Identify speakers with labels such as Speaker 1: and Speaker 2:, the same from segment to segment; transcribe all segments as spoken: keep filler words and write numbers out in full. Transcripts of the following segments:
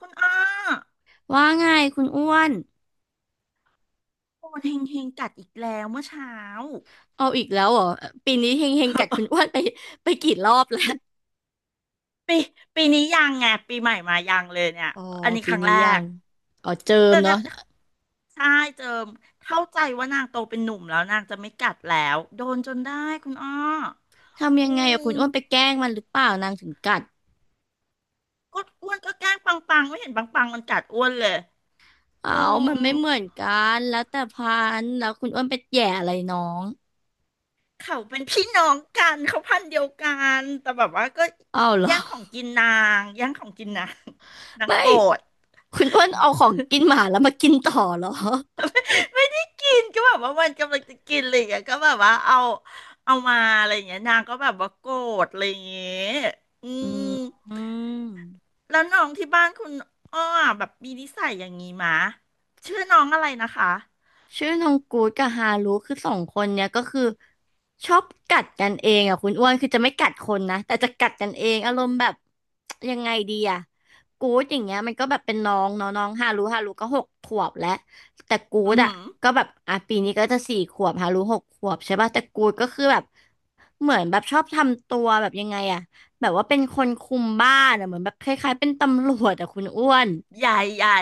Speaker 1: คุณอ้อ
Speaker 2: ว่าไงคุณอ้วน
Speaker 1: โอนเฮงเฮงกัดอีกแล้วเมื่อเช้า
Speaker 2: เอาอีกแล้วเหรอปีนี้เฮงเฮงกัดคุณอ้วนไปไปกี่รอบแล้ว
Speaker 1: ปีปีนี้ยังไงปีใหม่มายังเลยเนี่ย
Speaker 2: อ๋อ
Speaker 1: อันนี้ค
Speaker 2: ปี
Speaker 1: รั้ง
Speaker 2: นี้
Speaker 1: แร
Speaker 2: ยั
Speaker 1: ก
Speaker 2: งอ๋อเจิม
Speaker 1: แต่
Speaker 2: เนาะ
Speaker 1: นะใช่เจิมเข้าใจว่านางโตเป็นหนุ่มแล้วนางจะไม่กัดแล้วโดนจนได้คุณอ้อ
Speaker 2: ทำ
Speaker 1: อื
Speaker 2: ยังไงอะคุ
Speaker 1: ม
Speaker 2: ณอ้วนไปแกล้งมันหรือเปล่านางถึงกัด
Speaker 1: ก็อ้วนก็แกล้งปังปังไม่เห็นปังปังมันกัดอ้วนเลย
Speaker 2: เอา
Speaker 1: โอ้
Speaker 2: มันไม่เหมือนกันแล้วแต่พันธุ์แล้วคุณอ้วนไปแหย่อะไรน้อง
Speaker 1: เขาเป็นพี่น้องกันเขาพันธุ์เดียวกันแต่แบบว่าก็
Speaker 2: อ้าวเหร
Speaker 1: แย่
Speaker 2: อ
Speaker 1: งของกินนางแย่งของกินนางนาง
Speaker 2: ไม่
Speaker 1: โกรธ
Speaker 2: คุณอ้วนเอาของกินหมาแล้วมากินต่อเหรอ
Speaker 1: กินก็แบบว่ามันกำลังจะกินอะไรอย่างเงี้ยก็แบบว่าเอาเอามาอะไรอย่างเงี้ยนางก็แบบว่าโกรธอะไรอย่างเงี้ยอื
Speaker 2: อื
Speaker 1: ม
Speaker 2: ม
Speaker 1: แล้วน้องที่บ้านคุณอ้อแบบมีนิสัยอย่างงี้มะชื่อน้องอะไรนะคะ
Speaker 2: ชื่อน้องกู๊ดกับฮารุคือสองคนเนี่ยก็คือชอบกัดกันเองอ่ะคุณอ้วนคือจะไม่กัดคนนะแต่จะกัดกันเองอารมณ์แบบยังไงดีอ่ะกู๊ดอย่างเงี้ยมันก็แบบเป็นน้องเนาะน้องฮารุฮารุก็หกขวบแล้วแต่กู๊
Speaker 1: อื
Speaker 2: ด
Speaker 1: อ
Speaker 2: อ่ะ
Speaker 1: หือ
Speaker 2: ก็แบบอ่ะปีนี้ก็จะสี่ขวบฮารุหกขวบใช่ป่ะแต่กู๊ดก็คือแบบเหมือนแบบชอบทำตัวแบบยังไงอ่ะแบบว่าเป็นคนคุมบ้านอ่ะเหมือนแบบคล้ายๆเป็นตำรวจอ่ะคุณอ้วน
Speaker 1: ใหญ่ใหญ่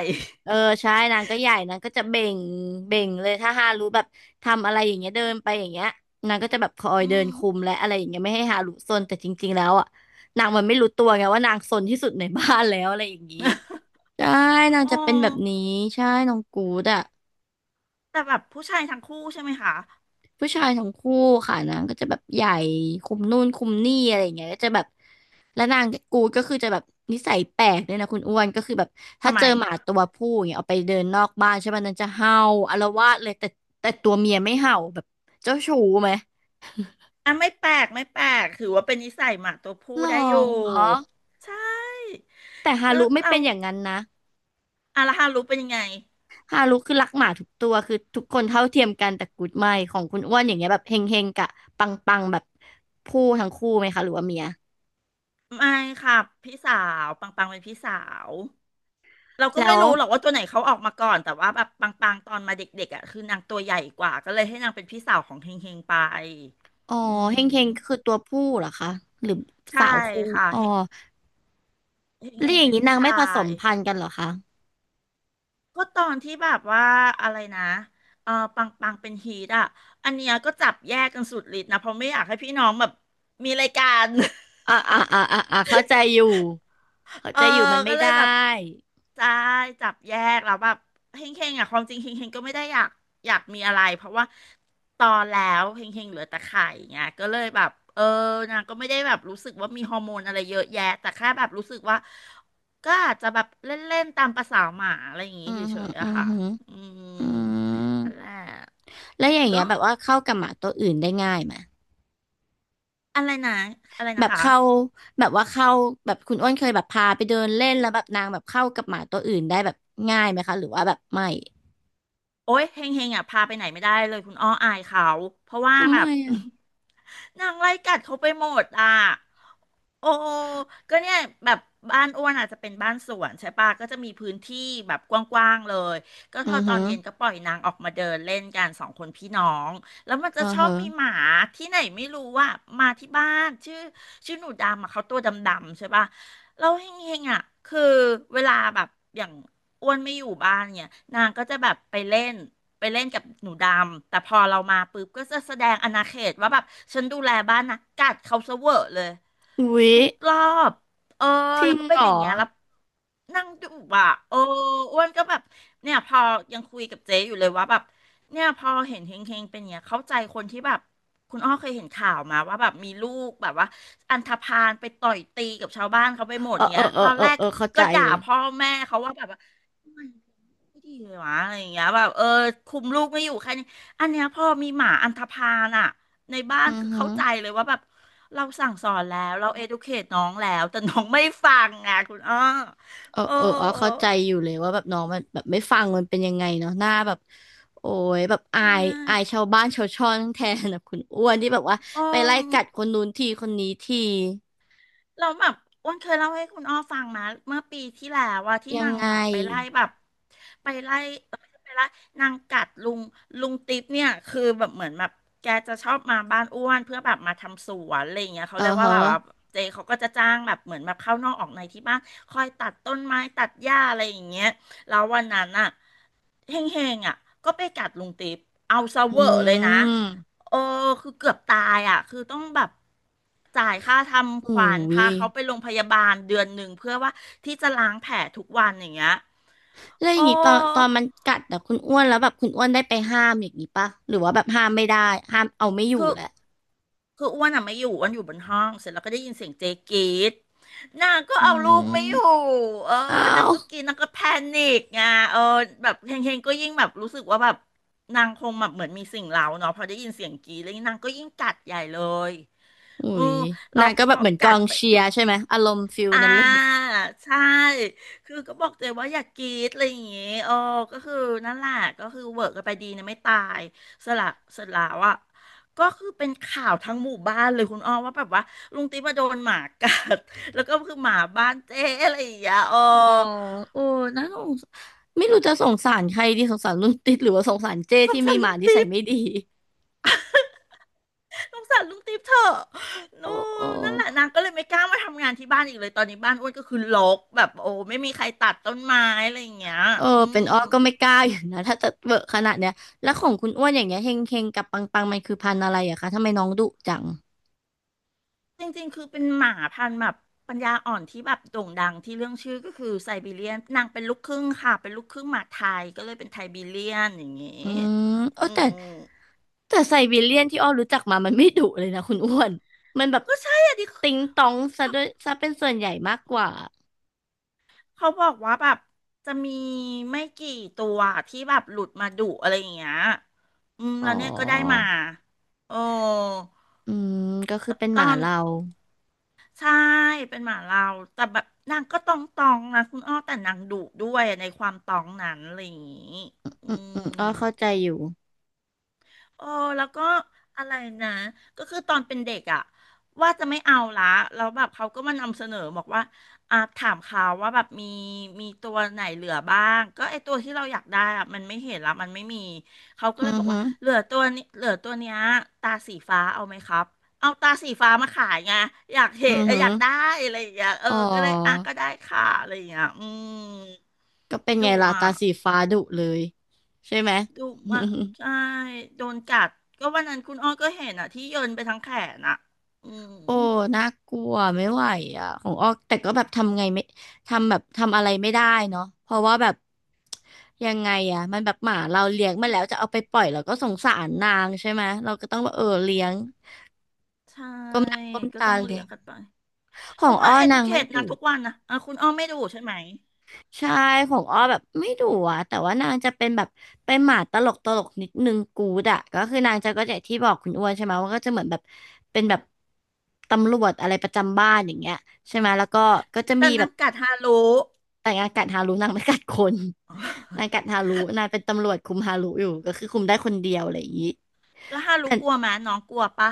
Speaker 2: เออใช่นางก็ใหญ่นางก็จะเบ่งเบ่งเลยถ้าฮารุแบบทำอะไรอย่างเงี้ยเดินไปอย่างเงี้ยนางก็จะแบบคอย
Speaker 1: อื
Speaker 2: เดิน
Speaker 1: ม
Speaker 2: คุมและอะไรอย่างเงี้ยไม่ให้ฮารุซนแต่จริงๆแล้วอ่ะนางมันไม่รู้ตัวไงว่านางซนที่สุดในบ้านแล้วอะไรอย่างงี้ใช่นาง
Speaker 1: อ๋อ
Speaker 2: จะเป็นแบบนี้ใช่น้องกูดอ่ะ
Speaker 1: แต่แบบผู้ชายทั้งคู่ใช่ไหมคะ
Speaker 2: ผู้ชายทั้งคู่ค่ะนางก็จะแบบใหญ่คุมนู่นคุมนี่อะไรอย่างเงี้ยก็จะแบบแล้วนางกูดก็คือจะแบบนิสัยแปลกเนี่ยนะคุณอ้วนก็คือแบบถ้า
Speaker 1: ทำไม
Speaker 2: เจอหมาตัวผู้อย่างเงี้ยเอาไปเดินนอกบ้านใช่ป่ะนางจะเห่าอาละวาดเลยแต่แต่ตัวเมียไม่เห่าแบบเจ้าชู้ไหม
Speaker 1: อ่ะไม่แปลกไม่แปลกถือว่าเป็นนิสัยหมาตัว
Speaker 2: ห
Speaker 1: ผู้
Speaker 2: ร
Speaker 1: ได้
Speaker 2: อ
Speaker 1: อยู่ใช่
Speaker 2: แต่ฮา
Speaker 1: ก็
Speaker 2: รุไม่
Speaker 1: เรา
Speaker 2: เป็นอย่างนั้นนะ
Speaker 1: อาราฮารุเป็นยังไง
Speaker 2: ฮารุคือรักหมาทุกตัวคือทุกคนเท่าเทียมกันแต่กูดไม่ของคุณอ้วนอย่างเงี้ยแบบเฮงเฮงกะปังปังๆแบบผู้ทั้งคู่ไหมคะหรือว่าเมีย
Speaker 1: ไม่ค่ะพี่สาวปังปังเป็นพี่สาวเราก็
Speaker 2: แล้
Speaker 1: ไม่
Speaker 2: ว
Speaker 1: รู้หรอกว่าตัวไหนเขาออกมาก่อนแต่ว่าแบบปังปังตอนมาเด็กๆอ่ะคือนางตัวใหญ่กว่าก็เลยให้นางเป็นพี่สาวของเฮงเฮงไป
Speaker 2: อ๋อ
Speaker 1: อื
Speaker 2: เฮงเฮงคื
Speaker 1: ม
Speaker 2: อตัวผู้เหรอคะหรือ
Speaker 1: ใช่
Speaker 2: สาวคู่
Speaker 1: ค่ะ
Speaker 2: อ๋อ
Speaker 1: เฮงเฮงเฮ
Speaker 2: แล้ว
Speaker 1: ง
Speaker 2: อย่าง
Speaker 1: เป็น
Speaker 2: นี้
Speaker 1: ผู้
Speaker 2: นาง
Speaker 1: ชา
Speaker 2: ไม่ผสม
Speaker 1: ย
Speaker 2: พันธุ์กันเหรอคะ
Speaker 1: ก็ตอนที่แบบว่าอะไรนะเออปังปังเป็นฮีทอ่ะอันเนี้ยก็จับแยกกันสุดฤทธิ์นะเพราะไม่อยากให้พี่น้องแบบมีรายการ
Speaker 2: อ่าอ่าอ่าอ่าอ่าเข้าใจอยู่เข้า
Speaker 1: เออ
Speaker 2: ใจอยู่มันไม่
Speaker 1: ก็เลย
Speaker 2: ได้
Speaker 1: แบบใช่จับแยกแล้วแบบเฮงเฮงอ่ะความจริงเฮงเฮงก็ไม่ได้อยากอยากมีอะไรเพราะว่าตอนแล้วเฮงเฮงเหลือแต่ไข่เงี้ยก็เลยแบบเออนางก็ไม่ได้แบบรู้สึกว่ามีฮอร์โมนอะไรเยอะแยะแต่แค่แบบรู้สึกว่าก็อาจจะแบบเล่นๆตามประสาหมาอะไรอย่างงี้
Speaker 2: อื
Speaker 1: เฉ
Speaker 2: อหือ
Speaker 1: ยๆ
Speaker 2: อื
Speaker 1: อะ
Speaker 2: อ
Speaker 1: ค่ะ
Speaker 2: หือ
Speaker 1: อืม
Speaker 2: อื
Speaker 1: อะไร
Speaker 2: มแล้วอย่างเงี้
Speaker 1: ก็
Speaker 2: ยแบบว่าเข้ากับหมาตัวอื่นได้ง่ายไหม
Speaker 1: อะไรนะอะไร
Speaker 2: แบ
Speaker 1: นะ
Speaker 2: บ
Speaker 1: คะ
Speaker 2: เข้าแบบว่าเข้าแบบคุณอ้วนเคยแบบพาไปเดินเล่นแล้วแบบนางแบบเข้ากับหมาตัวอื่นได้แบบง่ายไหมคะหรือว่าแบบไม่
Speaker 1: โอ๊ยเฮงเฮงอ่ะพาไปไหนไม่ได้เลยคุณอ้ออายเขาเพราะว่า
Speaker 2: ทำ
Speaker 1: แบ
Speaker 2: ไม
Speaker 1: บ
Speaker 2: อ่ะ
Speaker 1: นางไล่กัดเขาไปหมดอ่ะโอ้ก็เนี่ยแบบบ้านอ้วนอาจจะเป็นบ้านสวนใช่ปะก็จะมีพื้นที่แบบกว้างๆเลยก็พ
Speaker 2: อื
Speaker 1: อ
Speaker 2: อ
Speaker 1: ตอ
Speaker 2: หื
Speaker 1: น
Speaker 2: อ
Speaker 1: เย็นก็ปล่อยนางออกมาเดินเล่นกันสองคนพี่น้องแล้วมันจะ
Speaker 2: อือ
Speaker 1: ชอบ
Speaker 2: หือ
Speaker 1: มีหมาที่ไหนไม่รู้ว่ามาที่บ้านชื่อชื่อหนูดำอะเขาตัวดำๆใช่ปะ เราเฮงๆอ่ะ คือเวลาแบบอย่างอ้วนไม่อยู่บ้านเนี่ย นางก็จะแบบไปเล่นไปเล่นกับหนูดำ แต่พอเรามาปุ๊บก็จะแสดงอาณาเขตว่าแบบฉันดูแลบ้านนะ กัดเขาซะเวอร์เลย
Speaker 2: อุ๊ย
Speaker 1: ทุกรอบ เออ
Speaker 2: จริ
Speaker 1: แล้ว
Speaker 2: ง
Speaker 1: ก็เป็
Speaker 2: เหร
Speaker 1: นอ
Speaker 2: อ
Speaker 1: ย่างเงี้ยแล้วนั่งดูอ่ะเอออ้วนก็แบบ เนี่ยพอยังคุยกับเจ๊อยู่เลยว่าแบบ เนี่ยพอเห็นเฮงเฮงเป็นอย่างเงี้ยเข้าใจคนที่แบบคุณอ้อเคยเห็นข่าวมาว่าแบบมีลูกแบบว่าอันธพาลไปต่อยตีกับชาวบ้านเขาไปหมด
Speaker 2: เออเออ
Speaker 1: เงี้ย
Speaker 2: เอ
Speaker 1: ต
Speaker 2: อ
Speaker 1: อน
Speaker 2: เออ
Speaker 1: แรก
Speaker 2: เออเข้าใจ
Speaker 1: ก็ด่า
Speaker 2: เลย
Speaker 1: พ่อแม่เขาว่าแบบว่า ไม่ดีเลยวะอะไรอย่างเงี้ยแบบเออคุมลูกไม่อยู่แค่นี้อันเนี้ยพอมีหมาอันธพาลอะในบ้าน
Speaker 2: อือ
Speaker 1: คือ
Speaker 2: หื
Speaker 1: เข้าใจเลยว่าแบบเราสั่งสอนแล้วเรา educate น้องแล้วแต่น้องไม่ฟังไงคุณอ้อ
Speaker 2: เออ
Speaker 1: เออ
Speaker 2: เอออ๋อเข้าใจอยู่เลยว่าแบบน้องมันแบบไม่ฟังมันเป็นยังไงเนาะหน้าแบบโอ้ยแบบอา
Speaker 1: ใช
Speaker 2: ยอาย
Speaker 1: ่
Speaker 2: ชาวบ้านชาวช่องแทนแบบคุณอ้วนที่แบบว่า
Speaker 1: อือ
Speaker 2: ไปไล่กัดคนนู้นทีคนนี้ที
Speaker 1: เราแล้วแบบอ้วนเคยเล่าให้คุณอ้อฟังนะเมื่อปีที่แล้วว่าที่
Speaker 2: ยัง
Speaker 1: นาง
Speaker 2: ไง
Speaker 1: แบบไปไล่แบบไปไล่เอ้ยไปไล่นางกัดลุงลุงติ๊บเนี่ยคือแบบเหมือนแบบแกจะชอบมาบ้านอ้วนเพื่อแบบมาทำสวนอะไรอย่างเงี้ยเขา
Speaker 2: เออ
Speaker 1: เรียกว่า
Speaker 2: ฮะ
Speaker 1: แบบว่าเจเขาก็จะจ้างแบบเหมือนแบบเข้านอกออกในที่บ้านคอยตัดต้นไม้ตัดหญ้าอะไรอย่างเงี้ยแล้ววันนั้นอ่ะ เฮงเฮงอ่ะก็ไปกัดลุงติ๊บเอาซะ
Speaker 2: อื
Speaker 1: เวอร์เลยนะ
Speaker 2: ม
Speaker 1: เออคือเกือบตายอ่ะคือต้องแบบจ่ายค่าทำ
Speaker 2: โอ้
Speaker 1: ขวัญ
Speaker 2: ย
Speaker 1: พาเขาไปโรงพยาบาลเดือนหนึ่งเพื่อว่าที่จะล้างแผลทุกวันอย่างเงี้ย
Speaker 2: แล้วอย่า
Speaker 1: โอ้
Speaker 2: งงี้ตอนตอนมันกัดอะคุณอ้วนแล้วแบบคุณอ้วนได้ไปห้ามอย่างงี้ปะหรือว่าแบบห้ามไม่ได้ห้ามเอาไม่อยู่
Speaker 1: คือ
Speaker 2: แหละ
Speaker 1: คืออ้วนอ่ะไม่อยู่อ้วนอยู่บนห้องเสร็จแล้วก็ได้ยินเสียงเจ๊กรีดนางก็
Speaker 2: อื
Speaker 1: เอาลูกไม่อยู่
Speaker 2: ม
Speaker 1: เออ
Speaker 2: อ้า
Speaker 1: นาง
Speaker 2: ว
Speaker 1: ก็กินนางก็แพนิกไงเออแบบเฮงเฮงก็ยิ่งแบบรู้สึกว่าแบบนางคงแบบเหมือนมีสิ่งเร้าเนาะพอได้ยินเสียงกรีดแล้วนางก็ยิ่งกัดใหญ่เลย
Speaker 2: อุ้
Speaker 1: เออ
Speaker 2: ย
Speaker 1: แล้
Speaker 2: นา
Speaker 1: ว
Speaker 2: งก็
Speaker 1: พ
Speaker 2: แบบ
Speaker 1: อ
Speaker 2: เหมือนก
Speaker 1: กั
Speaker 2: อ
Speaker 1: ด
Speaker 2: ง
Speaker 1: ไป
Speaker 2: เชียร์ใช่ไหมอารมณ์ฟิลนั้นเลย
Speaker 1: อ่าใช่คือก็บอกตัวเองว่าอย่ากรีดอะไรอย่างงี้โอ้ก็คือนั่นแหละก็คือเวิร์กกันไปดีนะไม่ตายสละสละว่ะก็คือเป็นข่าวทั้งหมู่บ้านเลยคุณอ้อว่าแบบว่าลุงติ๊บมาโดนหมากัด แล้วก็คือหมาบ้านเจ๊อะไรอย่างเงี้ยโอ้
Speaker 2: อ๋อโอ้น่าสงสไม่รู้จะสงสารใครดีสงสารรุ่นติดหรือว่าสงสารเจ้
Speaker 1: สง
Speaker 2: ที่มี
Speaker 1: สาร
Speaker 2: ห
Speaker 1: ลุ
Speaker 2: มา
Speaker 1: ง
Speaker 2: นิสั
Speaker 1: ติ๊
Speaker 2: ย
Speaker 1: บ
Speaker 2: ไม่ดี
Speaker 1: สงสารลุงติ๊บเถอะ
Speaker 2: โอ้
Speaker 1: นู่
Speaker 2: โอ้
Speaker 1: นนั่นแหละนางก็เลยไม่กล้ามาทำงานที่บ้านอีกเลยตอนนี้บ้านอ้วนก็คือรกแบบโอ้ไม่มีใครตัดต้นไม้อะไรอย่างเงี้ย
Speaker 2: เออ
Speaker 1: อื
Speaker 2: เป็น
Speaker 1: ม
Speaker 2: อ้อก็ไม่กล้าอยู่นะถ้าจะเวอะขนาดเนี้ยแล้วของคุณอ้วนอย่างเงี้ยเฮงเฮงกับปังปังมันคือพันธุ์อะไรอะคะทำไมน้องดุจัง
Speaker 1: จริงๆคือเป็นหมาพันธุ์แบบปัญญาอ่อนที่แบบโด่งดังที่เรื่องชื่อก็คือไซบีเรียนนางเป็นลูกครึ่งค่ะเป็นลูกครึ่งหมาไทยก็เลยเป็นไทบีเรียนอย่างงี้
Speaker 2: อืมเอ
Speaker 1: อื
Speaker 2: อแต่
Speaker 1: ม
Speaker 2: แต่ไซบีเรียนที่อ้อรู้จักมามันไม่ดุเลยนะคุณอ้วนมันแบบ
Speaker 1: ก็ใช่อะดิ
Speaker 2: ติงตองซะด้วยซะเป็นส่วนใหญ่มากกว่า
Speaker 1: เขาบอกว่าแบบจะมีไม่กี่ตัวที่แบบหลุดมาดุอะไรอย่างเงี้ยอืม
Speaker 2: อ๋อ
Speaker 1: แล้วเนี่ยก็ได้มาโอ้
Speaker 2: อืมก็คื
Speaker 1: ต
Speaker 2: อเป็นห
Speaker 1: ต
Speaker 2: มา
Speaker 1: อน
Speaker 2: เรา
Speaker 1: ใช่เป็นหมาเราแต่แบบนางก็ตองตองนะคุณอ้อแต่นางดุด้วยในความตองนั้นอะไรอย่างงี้อื
Speaker 2: อืมอื
Speaker 1: ม
Speaker 2: มอ้อเข้าใจอยู่
Speaker 1: เออแล้วก็อะไรนะก็คือตอนเป็นเด็กอ่ะว่าจะไม่เอาละแล้วแบบเขาก็มานำเสนอบอกว่าอ่าถามเขาว่าแบบมีมีตัวไหนเหลือบ้างก็ไอตัวที่เราอยากได้อ่ะมันไม่เห็นละมันไม่มีเขาก็
Speaker 2: อื
Speaker 1: เลย
Speaker 2: อ
Speaker 1: บอก
Speaker 2: หื
Speaker 1: ว่า
Speaker 2: อ
Speaker 1: เหลือตัวนี้เหลือตัวเนี้ยตาสีฟ้าเอาไหมครับเอาตาสีฟ้ามาขายไงอยากเห็
Speaker 2: อื
Speaker 1: น
Speaker 2: อ
Speaker 1: เออ
Speaker 2: หื
Speaker 1: อ
Speaker 2: อ
Speaker 1: ยากได้อะไรอย่างเงี้ยเออ
Speaker 2: อ๋
Speaker 1: ก็เลยอ่ะ
Speaker 2: อ
Speaker 1: ก็ได้ค่ะอะไรอย่างเงี้ยอืม
Speaker 2: ก็เป็นไง
Speaker 1: ดู
Speaker 2: ล่ะ
Speaker 1: อ่ะ
Speaker 2: ตาสีฟ้าดุเลยใช่ไหม
Speaker 1: ดุมาก ใช่โดนกัดก็วันนั้นคุณอ้อก็เห็นอ่ะที่โยนไปทั้งแขนอ่ะอืม
Speaker 2: โอ้น่ากลัวไม่ไหวอ่ะของอ้อแต่ก็แบบทำไงไม่ทำแบบทำอะไรไม่ได้เนาะเพราะว่าแบบยังไงอ่ะมันแบบหมาเราเลี้ยงมาแล้วจะเอาไปปล่อยเราก็สงสารนางใช่ไหมเราก็ต้องแบบเออเลี้ยง
Speaker 1: ใช่
Speaker 2: ก้มหน้าก้ม
Speaker 1: ก็
Speaker 2: ตา
Speaker 1: ต้องเลี้
Speaker 2: เลี้
Speaker 1: ย
Speaker 2: ย
Speaker 1: ง
Speaker 2: ง
Speaker 1: กันไป
Speaker 2: ขอ
Speaker 1: ก็
Speaker 2: ง
Speaker 1: มา
Speaker 2: อ้อ
Speaker 1: เอ
Speaker 2: นา
Speaker 1: u c
Speaker 2: งไม่
Speaker 1: เ t e
Speaker 2: ดุ
Speaker 1: นางทุกวันนะอ่ะคุณอ้อไม่ดูใช่ไหม
Speaker 2: ใช่ของอ้อแบบไม่ดุอะแต่ว่านางจะเป็นแบบเป็นหมาตลกตลกนิดนึงกูดอะก็คือนางจะก็จะที่บอกคุณอ้วนใช่ไหมว่าก็จะเหมือนแบบเป็นแบบตำรวจอะไรประจำบ้านอย่างเงี้ยใช่ไหมแล้วก็ก็จะ
Speaker 1: แต่
Speaker 2: มีแบ
Speaker 1: นา
Speaker 2: บ
Speaker 1: งกัดฮารุ
Speaker 2: แต่งงานกัดฮารุนางไม่กัดคน นางกัดฮารุนางเป็นตำรวจคุมฮารุอยู่ก็คือคุมได้คนเดียวอะไรอย่างงี้
Speaker 1: แล้วฮารุ
Speaker 2: แต่
Speaker 1: กลัวไหมน้องกลัวปะ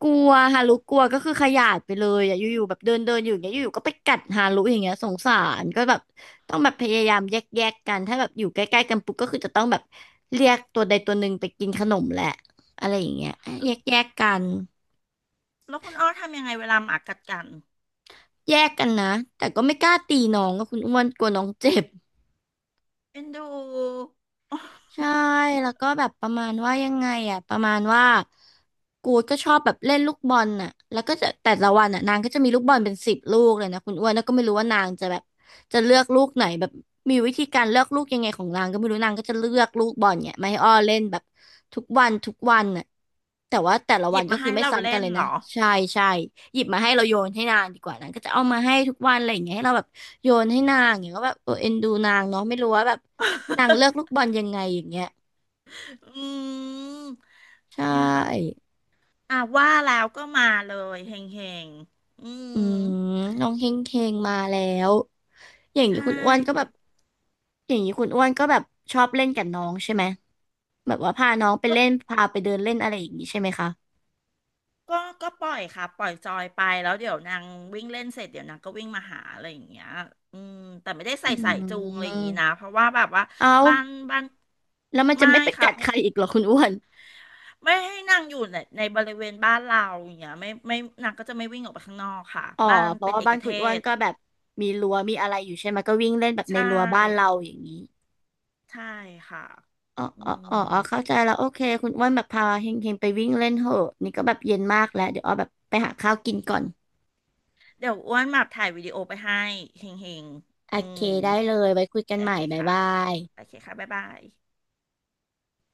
Speaker 2: กลัวฮารุกลัวก็คือขยาดไปเลยอ่ะอยู่ๆแบบเดินเดินอยู่อย่างเงี้ยอยู่ๆก็ไปกัดฮารุอย่างเงี้ยสงสารก็แบบต้องแบบพยายามแยกแยกกันถ้าแบบอยู่ใกล้ๆกันปุ๊บก็คือจะต้องแบบเรียกตัวใดตัวหนึ่งไปกินขนมแหละอะไรอย่างเงี้ยแยกแยกกัน
Speaker 1: แล้วคุณอ้อทำยังไงเวลาหมากัดกัน
Speaker 2: แยกกันนะแต่ก็ไม่กล้าตีน้องก็คุณอ้วนกลัวน้องเจ็บ
Speaker 1: เอ็นดู
Speaker 2: ใช่ แล้วก็แบบประมาณว่ายังไงอ่ะประมาณว่ากูดก็ชอบแบบเล่นลูกบอลน่ะแล้วก็จะแต่ละวันอ่ะนางก็จะมีลูกบอลเป็นสิบลูกเลยนะคุณอ้วนแล้วก็ไม่รู้ว่านางจะแบบจะเลือกลูกไหนแบบมีวิธีการเลือกลูกยังไงของนางก็ไม่รู้นางก็จะเลือกลูกบอลเนี่ยมาให้อ้อเล่นแบบทุกวันทุกวันน่ะแต่ว่าแต่ละ
Speaker 1: ห
Speaker 2: วั
Speaker 1: ยิ
Speaker 2: น
Speaker 1: บ
Speaker 2: ก็
Speaker 1: มา
Speaker 2: คือ
Speaker 1: ให้
Speaker 2: ไม่
Speaker 1: เรา
Speaker 2: ซ้ำกั
Speaker 1: เล่
Speaker 2: น
Speaker 1: น
Speaker 2: เลย
Speaker 1: เหร
Speaker 2: นะ
Speaker 1: อ
Speaker 2: ใช่ใช่หยิบมาให้เราโยนให้นางดีกว่านางก็จะเอามาให้ทุกวันอะไรอย่างเงี้ยให้เราแบบโยนให้นางอย่างเงี้ยก็แบบเออเอ็นดูนางเนาะไม่รู้ว่าแบบ นางเลือกลูก บอลยังไงอย่างเงี้ย
Speaker 1: อืม
Speaker 2: ใช
Speaker 1: เนี่ย
Speaker 2: ่
Speaker 1: อ่ะว่าแล้วก็มาเลยเฮงๆอืม
Speaker 2: อืมน้องเฮงเฮงมาแล้วอย่างนี้
Speaker 1: ใช่
Speaker 2: คุณอ้วนก็แบ
Speaker 1: เดี๋ยว
Speaker 2: บอย่างนี้คุณอ้วนก็แบบชอบเล่นกับน้องใช่ไหมแบบว่าพาน้องไป
Speaker 1: ก็
Speaker 2: เล่นพาไปเดินเล่นอะไรอย่างนี้ใช่ไหมคะ
Speaker 1: ก็ก็ปล่อยค่ะปล่อยจอยไปแล้วเดี๋ยวนางวิ่งเล่นเสร็จเดี๋ยวนางก็วิ่งมาหาอะไรอย่างเงี้ยอืมแต่ไม่ได้
Speaker 2: อื
Speaker 1: ใส่สายจูงอะไรอย่างงี้นะ
Speaker 2: ม
Speaker 1: เพราะว่าแบบว่า
Speaker 2: เอา
Speaker 1: บ้านบ้าน
Speaker 2: แล้วมันจะ
Speaker 1: ไม่
Speaker 2: ไม่ไป
Speaker 1: ค่ะ
Speaker 2: กัดใครอีกเหรอคุณอ้วน
Speaker 1: ไม่ให้นางอยู่ในในบริเวณบ้านเราอย่างเงี้ยไม่ไม่นางก็จะไม่วิ่งออกไปข้างนอกค่ะ
Speaker 2: อ๋อ
Speaker 1: บ้าน
Speaker 2: เพราะ
Speaker 1: เป็น
Speaker 2: ว่า
Speaker 1: เอ
Speaker 2: บ้า
Speaker 1: ก
Speaker 2: น
Speaker 1: เท
Speaker 2: คุณอ้วน
Speaker 1: ศ
Speaker 2: ก็แบบมีรั้วมีอะไรอยู่ใช่ไหมก็วิ่งเล่นแบบใน
Speaker 1: ใช่
Speaker 2: รั้วบ้านเราอย่างนี้
Speaker 1: ใช่ค่ะ
Speaker 2: อ๋อ
Speaker 1: อื
Speaker 2: อ๋อ
Speaker 1: ม
Speaker 2: อ๋อ อ๋อ เข้าใจแล้วโอเคคุณอ้วนแบบพาเฮงเฮงไปวิ่งเล่นเหอะนี่ก็แบบเย็นมากแล้วเดี๋ยวอ้อแบบไปหาข้าวกินก่อน
Speaker 1: เดี๋ยวอ้วนมาถ่ายวิดีโอไปให้เฮงเฮง
Speaker 2: โอ
Speaker 1: อื
Speaker 2: เค
Speaker 1: ม
Speaker 2: ได้เลยไว้คุยกัน
Speaker 1: โอ
Speaker 2: ใหม่
Speaker 1: เค
Speaker 2: บ๊าย
Speaker 1: ค่ะ
Speaker 2: บาย
Speaker 1: โอเคค่ะบ๊ายบาย